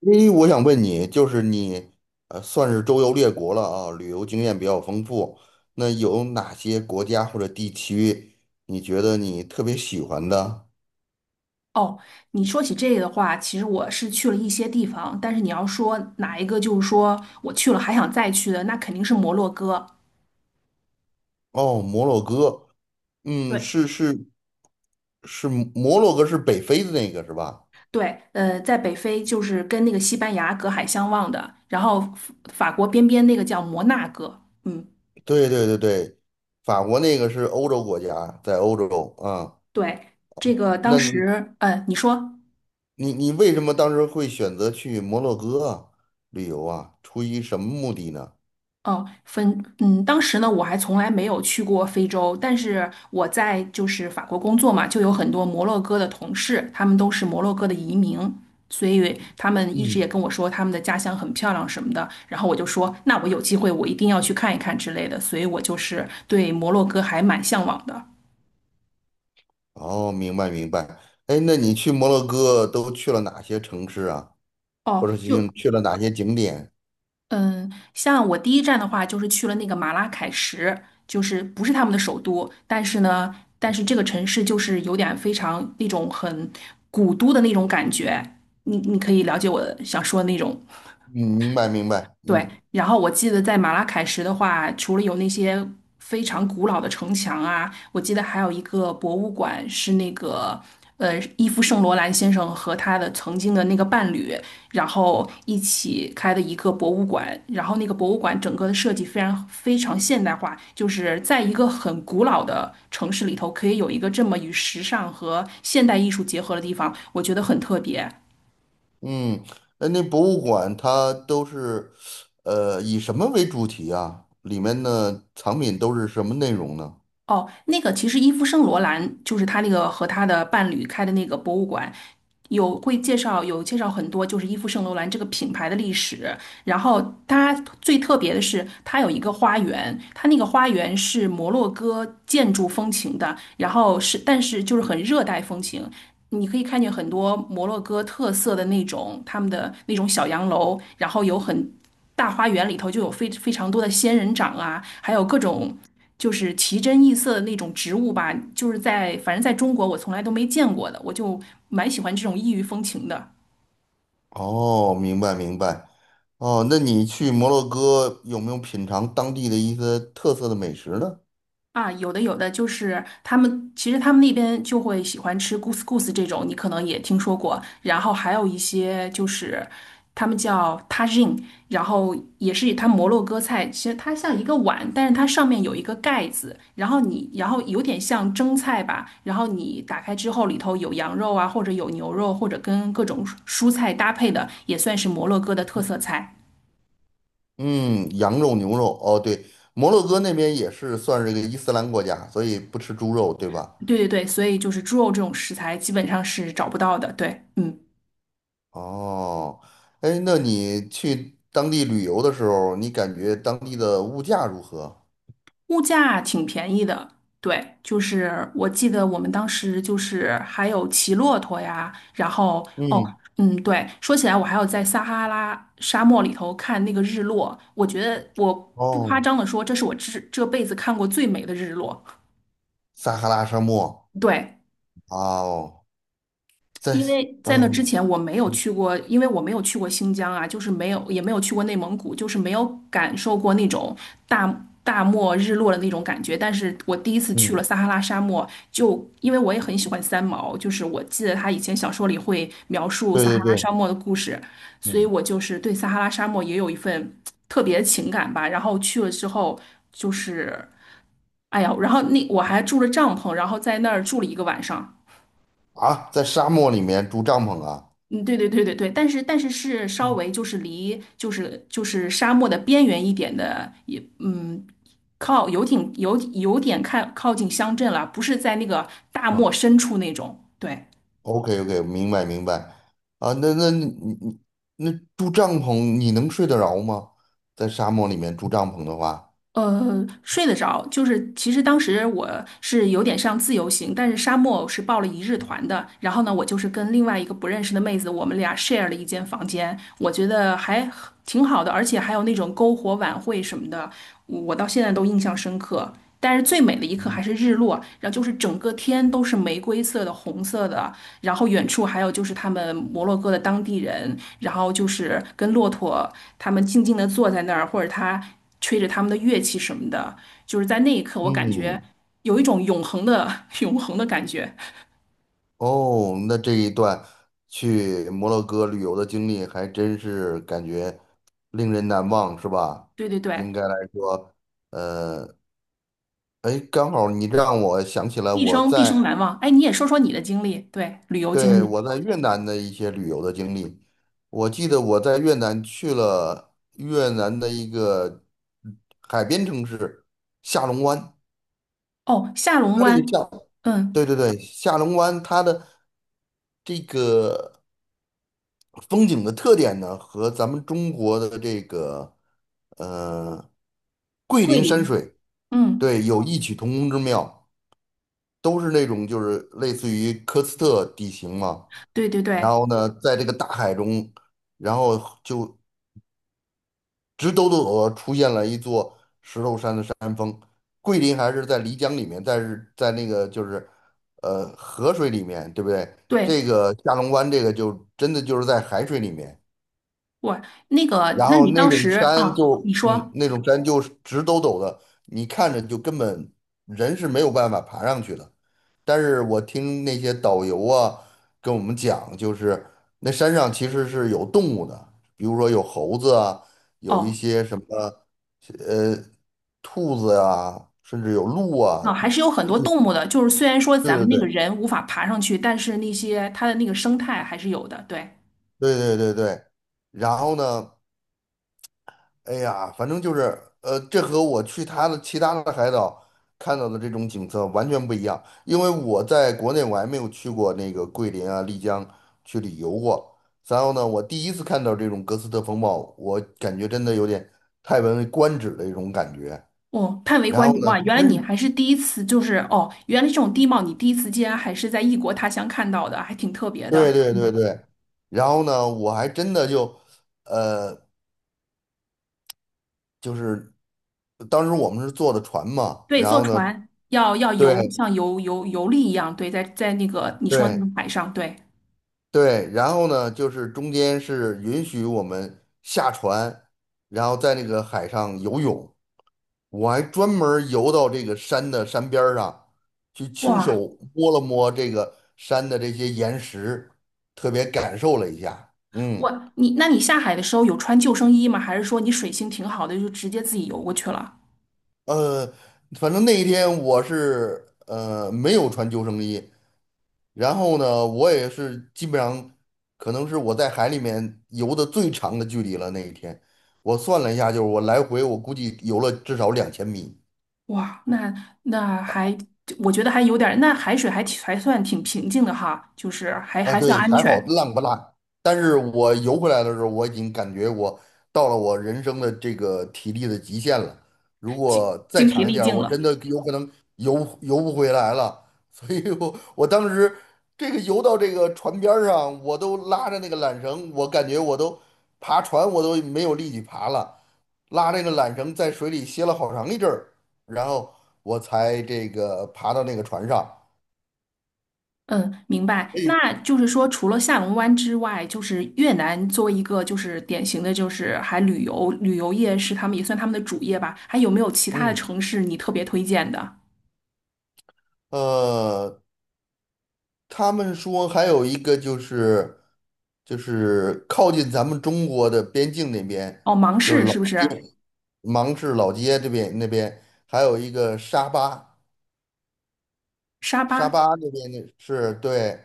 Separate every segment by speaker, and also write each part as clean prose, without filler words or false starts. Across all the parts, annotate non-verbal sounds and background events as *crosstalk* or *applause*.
Speaker 1: 诶，我想问你，就是你，算是周游列国了啊，旅游经验比较丰富。那有哪些国家或者地区，你觉得你特别喜欢的？
Speaker 2: 哦，你说起这个的话，其实我是去了一些地方，但是你要说哪一个，就是说我去了还想再去的，那肯定是摩洛哥。
Speaker 1: 哦，摩洛哥，嗯，
Speaker 2: 对，
Speaker 1: 是是是，摩洛哥是北非的那个是吧？
Speaker 2: 对，在北非就是跟那个西班牙隔海相望的，然后法国边那个叫摩纳哥。嗯，
Speaker 1: 对对对对，法国那个是欧洲国家，在欧洲啊。
Speaker 2: 对，这个当
Speaker 1: 那你
Speaker 2: 时，你说。
Speaker 1: 你你为什么当时会选择去摩洛哥啊旅游啊？出于什么目的呢？
Speaker 2: 哦，当时呢，我还从来没有去过非洲，但是我在就是法国工作嘛，就有很多摩洛哥的同事，他们都是摩洛哥的移民，所以他们一直也
Speaker 1: 嗯。
Speaker 2: 跟我说他们的家乡很漂亮什么的，然后我就说，那我有机会我一定要去看一看之类的，所以我就是对摩洛哥还蛮向往的。
Speaker 1: 哦，明白明白。哎，那你去摩洛哥都去了哪些城市啊？
Speaker 2: 哦，
Speaker 1: 或者去去了哪些景点？
Speaker 2: 像我第一站的话，就是去了那个马拉喀什，就是不是他们的首都，但是这个城市就是有点非常那种很古都的那种感觉。你可以了解我想说的那种。
Speaker 1: 嗯，明白明白。
Speaker 2: 对，
Speaker 1: 嗯
Speaker 2: 然后我记得在马拉喀什的话，除了有那些非常古老的城墙啊，我记得还有一个博物馆是那个伊夫圣罗兰先生和他的曾经的那个伴侣，然后一起开的一个博物馆。然后那个博物馆整个的设计非常非常现代化，就是在一个很古老的城市里头，可以有一个这么与时尚和现代艺术结合的地方，我觉得很特别。
Speaker 1: 嗯，哎，那博物馆它都是，以什么为主题啊？里面的藏品都是什么内容呢？
Speaker 2: 哦，那个其实伊夫圣罗兰就是他那个和他的伴侣开的那个博物馆，有介绍很多就是伊夫圣罗兰这个品牌的历史。然后它最特别的是，它有一个花园，它那个花园是摩洛哥建筑风情的，但是就是很热带风情。你可以看见很多摩洛哥特色的那种他们的那种小洋楼，然后有很大花园里头就有非常多的仙人掌啊，还有各种。就是奇珍异色的那种植物吧，就是在反正在中国我从来都没见过的，我就蛮喜欢这种异域风情的。
Speaker 1: 哦，明白明白。哦，那你去摩洛哥有没有品尝当地的一些特色的美食呢？
Speaker 2: 啊，有的有的，就是其实他们那边就会喜欢吃 couscous 这种，你可能也听说过。然后还有一些就是他们叫 tagine，然后也是它摩洛哥菜，其实它像一个碗，但是它上面有一个盖子，然后你然后有点像蒸菜吧，然后你打开之后里头有羊肉啊，或者有牛肉，或者跟各种蔬菜搭配的，也算是摩洛哥的特色菜。
Speaker 1: 嗯，羊肉、牛肉，哦，对，摩洛哥那边也是算是个伊斯兰国家，所以不吃猪肉，对吧？
Speaker 2: 对对对，所以就是猪肉这种食材基本上是找不到的。对，嗯。
Speaker 1: 哦，哎，那你去当地旅游的时候，你感觉当地的物价如何？
Speaker 2: 物价挺便宜的，对，就是我记得我们当时就是还有骑骆驼呀，然后哦，
Speaker 1: 嗯，
Speaker 2: 嗯，对，说起来我还有在撒哈拉沙漠里头看那个日落，我觉得我不夸
Speaker 1: 哦，
Speaker 2: 张的说，这是我这辈子看过最美的日落。
Speaker 1: 撒哈拉沙漠，
Speaker 2: 对，
Speaker 1: 哦，在，
Speaker 2: 因为在那之
Speaker 1: 嗯
Speaker 2: 前我没有
Speaker 1: 嗯，
Speaker 2: 去过，因为我没有去过新疆啊，就是没有，也没有去过内蒙古，就是没有感受过那种大漠日落的那种感觉。但是我第一次去了
Speaker 1: 嗯，
Speaker 2: 撒哈拉沙漠，就因为我也很喜欢三毛，就是我记得他以前小说里会描述
Speaker 1: 对
Speaker 2: 撒哈拉
Speaker 1: 对对，
Speaker 2: 沙漠的故事，所以
Speaker 1: 嗯，
Speaker 2: 我就是对撒哈拉沙漠也有一份特别的情感吧。然后去了之后，就是，哎呀，然后那我还住了帐篷，然后在那儿住了一个晚上。
Speaker 1: 啊，在沙漠里面住帐篷啊，
Speaker 2: 嗯，对对对对对，但是是稍
Speaker 1: 嗯
Speaker 2: 微就是离沙漠的边缘一点的，也靠游艇有点靠近乡镇了，不是在那个大漠深处那种。对，
Speaker 1: OK OK，明白明白。啊，那你那住帐篷，你能睡得着吗？在沙漠里面住帐篷的话，
Speaker 2: 睡得着，就是其实当时我是有点像自由行，但是沙漠是报了一日团的。然后呢，我就是跟另外一个不认识的妹子，我们俩 share 了一间房间，我觉得还挺好的，而且还有那种篝火晚会什么的，我到现在都印象深刻。但是最美的一刻还是日落，然后就是整个天都是玫瑰色的、红色的，然后远处还有就是他们摩洛哥的当地人，然后就是跟骆驼他们静静地坐在那儿，或者他。吹着他们的乐器什么的，就是在那一刻，我感觉
Speaker 1: 嗯，
Speaker 2: 有一种永恒的 *laughs* 永恒的感觉。
Speaker 1: 哦，那这一段去摩洛哥旅游的经历还真是感觉令人难忘，是吧？
Speaker 2: 对对
Speaker 1: 应
Speaker 2: 对，
Speaker 1: 该来说，呃，哎，刚好你让我想起来
Speaker 2: 毕
Speaker 1: 我
Speaker 2: 生毕生
Speaker 1: 在。
Speaker 2: 难忘。哎，你也说说你的经历，对，旅游经
Speaker 1: 对，
Speaker 2: 历。
Speaker 1: 我在越南的一些旅游的经历，我记得我在越南去了越南的一个海边城市下龙湾，
Speaker 2: 哦，下龙
Speaker 1: 它这
Speaker 2: 湾，
Speaker 1: 个下，
Speaker 2: 嗯，
Speaker 1: 对对对，下龙湾它的这个风景的特点呢，和咱们中国的这个呃桂
Speaker 2: 桂
Speaker 1: 林山
Speaker 2: 林，
Speaker 1: 水，
Speaker 2: 嗯，
Speaker 1: 对，有异曲同工之妙，都是那种就是类似于科斯特地形嘛，
Speaker 2: 对对
Speaker 1: 然
Speaker 2: 对
Speaker 1: 后呢，在这个大海中。然后就直抖抖地出现了一座石头山的山。桂林还是在漓江里面，但是在那个就是河水里面，对不对？
Speaker 2: 对，
Speaker 1: 这个下龙湾这个就真的就是在海水里面，
Speaker 2: 我那个，
Speaker 1: 然
Speaker 2: 那
Speaker 1: 后
Speaker 2: 你
Speaker 1: 那
Speaker 2: 当
Speaker 1: 种
Speaker 2: 时
Speaker 1: 山
Speaker 2: 啊，
Speaker 1: 就
Speaker 2: 你
Speaker 1: 嗯
Speaker 2: 说，
Speaker 1: 那种山就是直抖抖的，你看着就根本人是没有办法爬上去的。但是我听那些导游啊跟我们讲，就是那山上其实是有动物的，比如说有猴子啊，有一
Speaker 2: 哦。
Speaker 1: 些什么呃兔子啊，甚至有鹿啊。
Speaker 2: 啊，还是有很多动物的，就是虽然说
Speaker 1: 对
Speaker 2: 咱们
Speaker 1: 对
Speaker 2: 那个
Speaker 1: 对
Speaker 2: 人无法爬上去，但是那些它的那个生态还是有的。对，
Speaker 1: 对对对对对。然后呢，哎呀，反正就是，这和我去他的其他的海岛看到的这种景色完全不一样，因为我在国内我还没有去过那个桂林啊、丽江去旅游过。然后呢，我第一次看到这种格斯特风暴，我感觉真的有点叹为观止的一种感觉。
Speaker 2: 哦，叹为
Speaker 1: 然
Speaker 2: 观
Speaker 1: 后
Speaker 2: 止
Speaker 1: 呢，
Speaker 2: 哇！原来
Speaker 1: 真
Speaker 2: 你
Speaker 1: 是
Speaker 2: 还是第一次，就是哦，原来这种地貌你第一次竟然还是在异国他乡看到的，还挺特别的。
Speaker 1: 对对对
Speaker 2: 嗯，
Speaker 1: 对，然后呢，我还真的就，呃，就是当时我们是坐的船嘛，
Speaker 2: 对，
Speaker 1: 然
Speaker 2: 坐
Speaker 1: 后呢，
Speaker 2: 船要
Speaker 1: 对
Speaker 2: 游，像游历一样，对，在那个你说那
Speaker 1: 对，
Speaker 2: 个海上，对，
Speaker 1: 对，然后呢，就是中间是允许我们下船，然后在那个海上游泳。我还专门儿游到这个山的山边儿上，去亲
Speaker 2: 哇，
Speaker 1: 手摸了摸这个山的这些岩石，特别感受了一下。嗯，
Speaker 2: 我你那你下海的时候有穿救生衣吗？还是说你水性挺好的，就直接自己游过去了？
Speaker 1: 呃，反正那一天我是没有穿救生衣，然后呢，我也是基本上可能是我在海里面游的最长的距离了。那一天，我算了一下，就是我来回我估计游了至少2000米。
Speaker 2: 哇，那那还我觉得还有点儿，那海水还算挺平静的哈，就是还
Speaker 1: 啊，
Speaker 2: 还算
Speaker 1: 对，
Speaker 2: 安
Speaker 1: 还好
Speaker 2: 全，
Speaker 1: 浪不烂。但是我游回来的时候，我已经感觉我到了我人生的这个体力的极限了。如果再
Speaker 2: 精疲
Speaker 1: 长一
Speaker 2: 力
Speaker 1: 点儿
Speaker 2: 尽
Speaker 1: 我
Speaker 2: 了。
Speaker 1: 真的有可能游游不回来了。所以我当时这个游到这个船边儿上，我都拉着那个缆绳，我感觉我都爬船我都没有力气爬了，拉这个缆绳在水里歇了好长一阵儿，然后我才这个爬到那个船上。
Speaker 2: 嗯，明白。那
Speaker 1: 哎，
Speaker 2: 就是说，除了下龙湾之外，就是越南作为一个就是典型的，就是还旅游业是他们也算他们的主业吧。还有没有其他的
Speaker 1: 嗯，
Speaker 2: 城市你特别推荐的？
Speaker 1: 呃。他们说还有一个就是靠近咱们中国的边境那边，
Speaker 2: 哦，芒
Speaker 1: 就是
Speaker 2: 市
Speaker 1: 老
Speaker 2: 是不是？
Speaker 1: 芒市老街这边那边，还有一个沙巴，
Speaker 2: 沙
Speaker 1: 沙
Speaker 2: 巴？
Speaker 1: 巴那边的是对，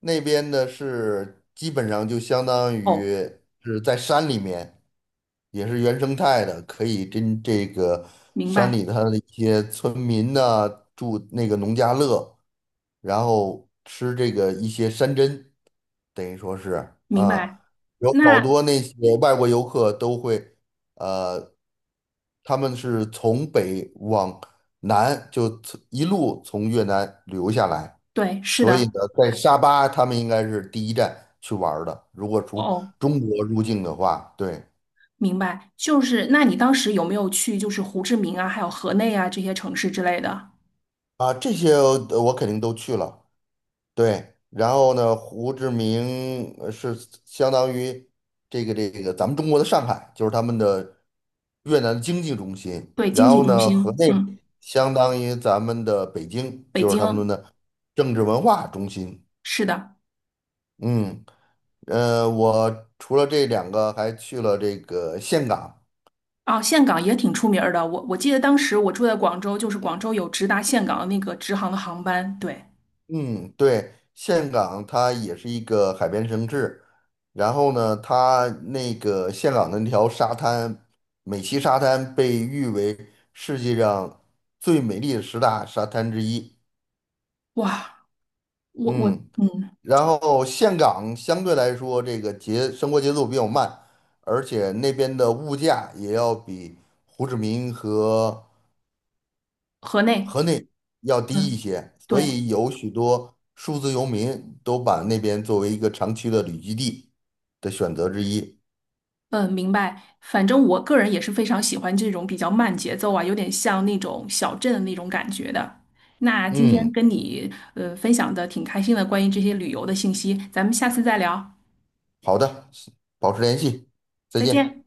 Speaker 1: 那边的是基本上就相当于
Speaker 2: 哦，
Speaker 1: 是在山里面，也是原生态的，可以跟这个
Speaker 2: 明
Speaker 1: 山
Speaker 2: 白
Speaker 1: 里它的一些村民呢、住那个农家乐，然后吃这个一些山珍。等于说是
Speaker 2: 明
Speaker 1: 啊，
Speaker 2: 白。
Speaker 1: 有好
Speaker 2: 那
Speaker 1: 多那些外国游客都会，呃，他们是从北往南就从一路从越南旅游下来，
Speaker 2: 对，是
Speaker 1: 所以呢，
Speaker 2: 的。
Speaker 1: 在沙巴他们应该是第一站去玩儿的。如果从
Speaker 2: 哦，
Speaker 1: 中国入境的话，对
Speaker 2: 明白。就是那你当时有没有去就是胡志明啊，还有河内啊这些城市之类的？
Speaker 1: 啊，这些我肯定都去了。对，然后呢，胡志明是相当于这个咱们中国的上海，就是他们的越南的经济中心。
Speaker 2: 对，经
Speaker 1: 然
Speaker 2: 济
Speaker 1: 后
Speaker 2: 中
Speaker 1: 呢，河
Speaker 2: 心。
Speaker 1: 内
Speaker 2: 嗯，
Speaker 1: 相当于咱们的北京，
Speaker 2: 北
Speaker 1: 就是他们
Speaker 2: 京。
Speaker 1: 的政治文化中心。
Speaker 2: 是的。
Speaker 1: 嗯，我除了这两个，还去了这个岘港。
Speaker 2: 啊，岘港也挺出名儿的。我记得当时我住在广州，就是广州有直达岘港的那个直航的航班。对，
Speaker 1: 嗯，对，岘港它也是一个海边城市，然后呢，它那个岘港的那条沙滩，美西沙滩被誉为世界上最美丽的十大沙滩之一。
Speaker 2: 哇，我我
Speaker 1: 嗯，
Speaker 2: 嗯，
Speaker 1: 然后岘港相对来说这个生活节奏比较慢，而且那边的物价也要比胡志明和
Speaker 2: 河内，
Speaker 1: 河内要低一
Speaker 2: 嗯，
Speaker 1: 些，所
Speaker 2: 对，
Speaker 1: 以有许多数字游民都把那边作为一个长期的旅居地的选择之一。
Speaker 2: 嗯，明白。反正我个人也是非常喜欢这种比较慢节奏啊，有点像那种小镇的那种感觉的。那今天
Speaker 1: 嗯，
Speaker 2: 跟你分享的挺开心的，关于这些旅游的信息，咱们下次再聊，
Speaker 1: 好的，保持联系，再
Speaker 2: 再
Speaker 1: 见。
Speaker 2: 见。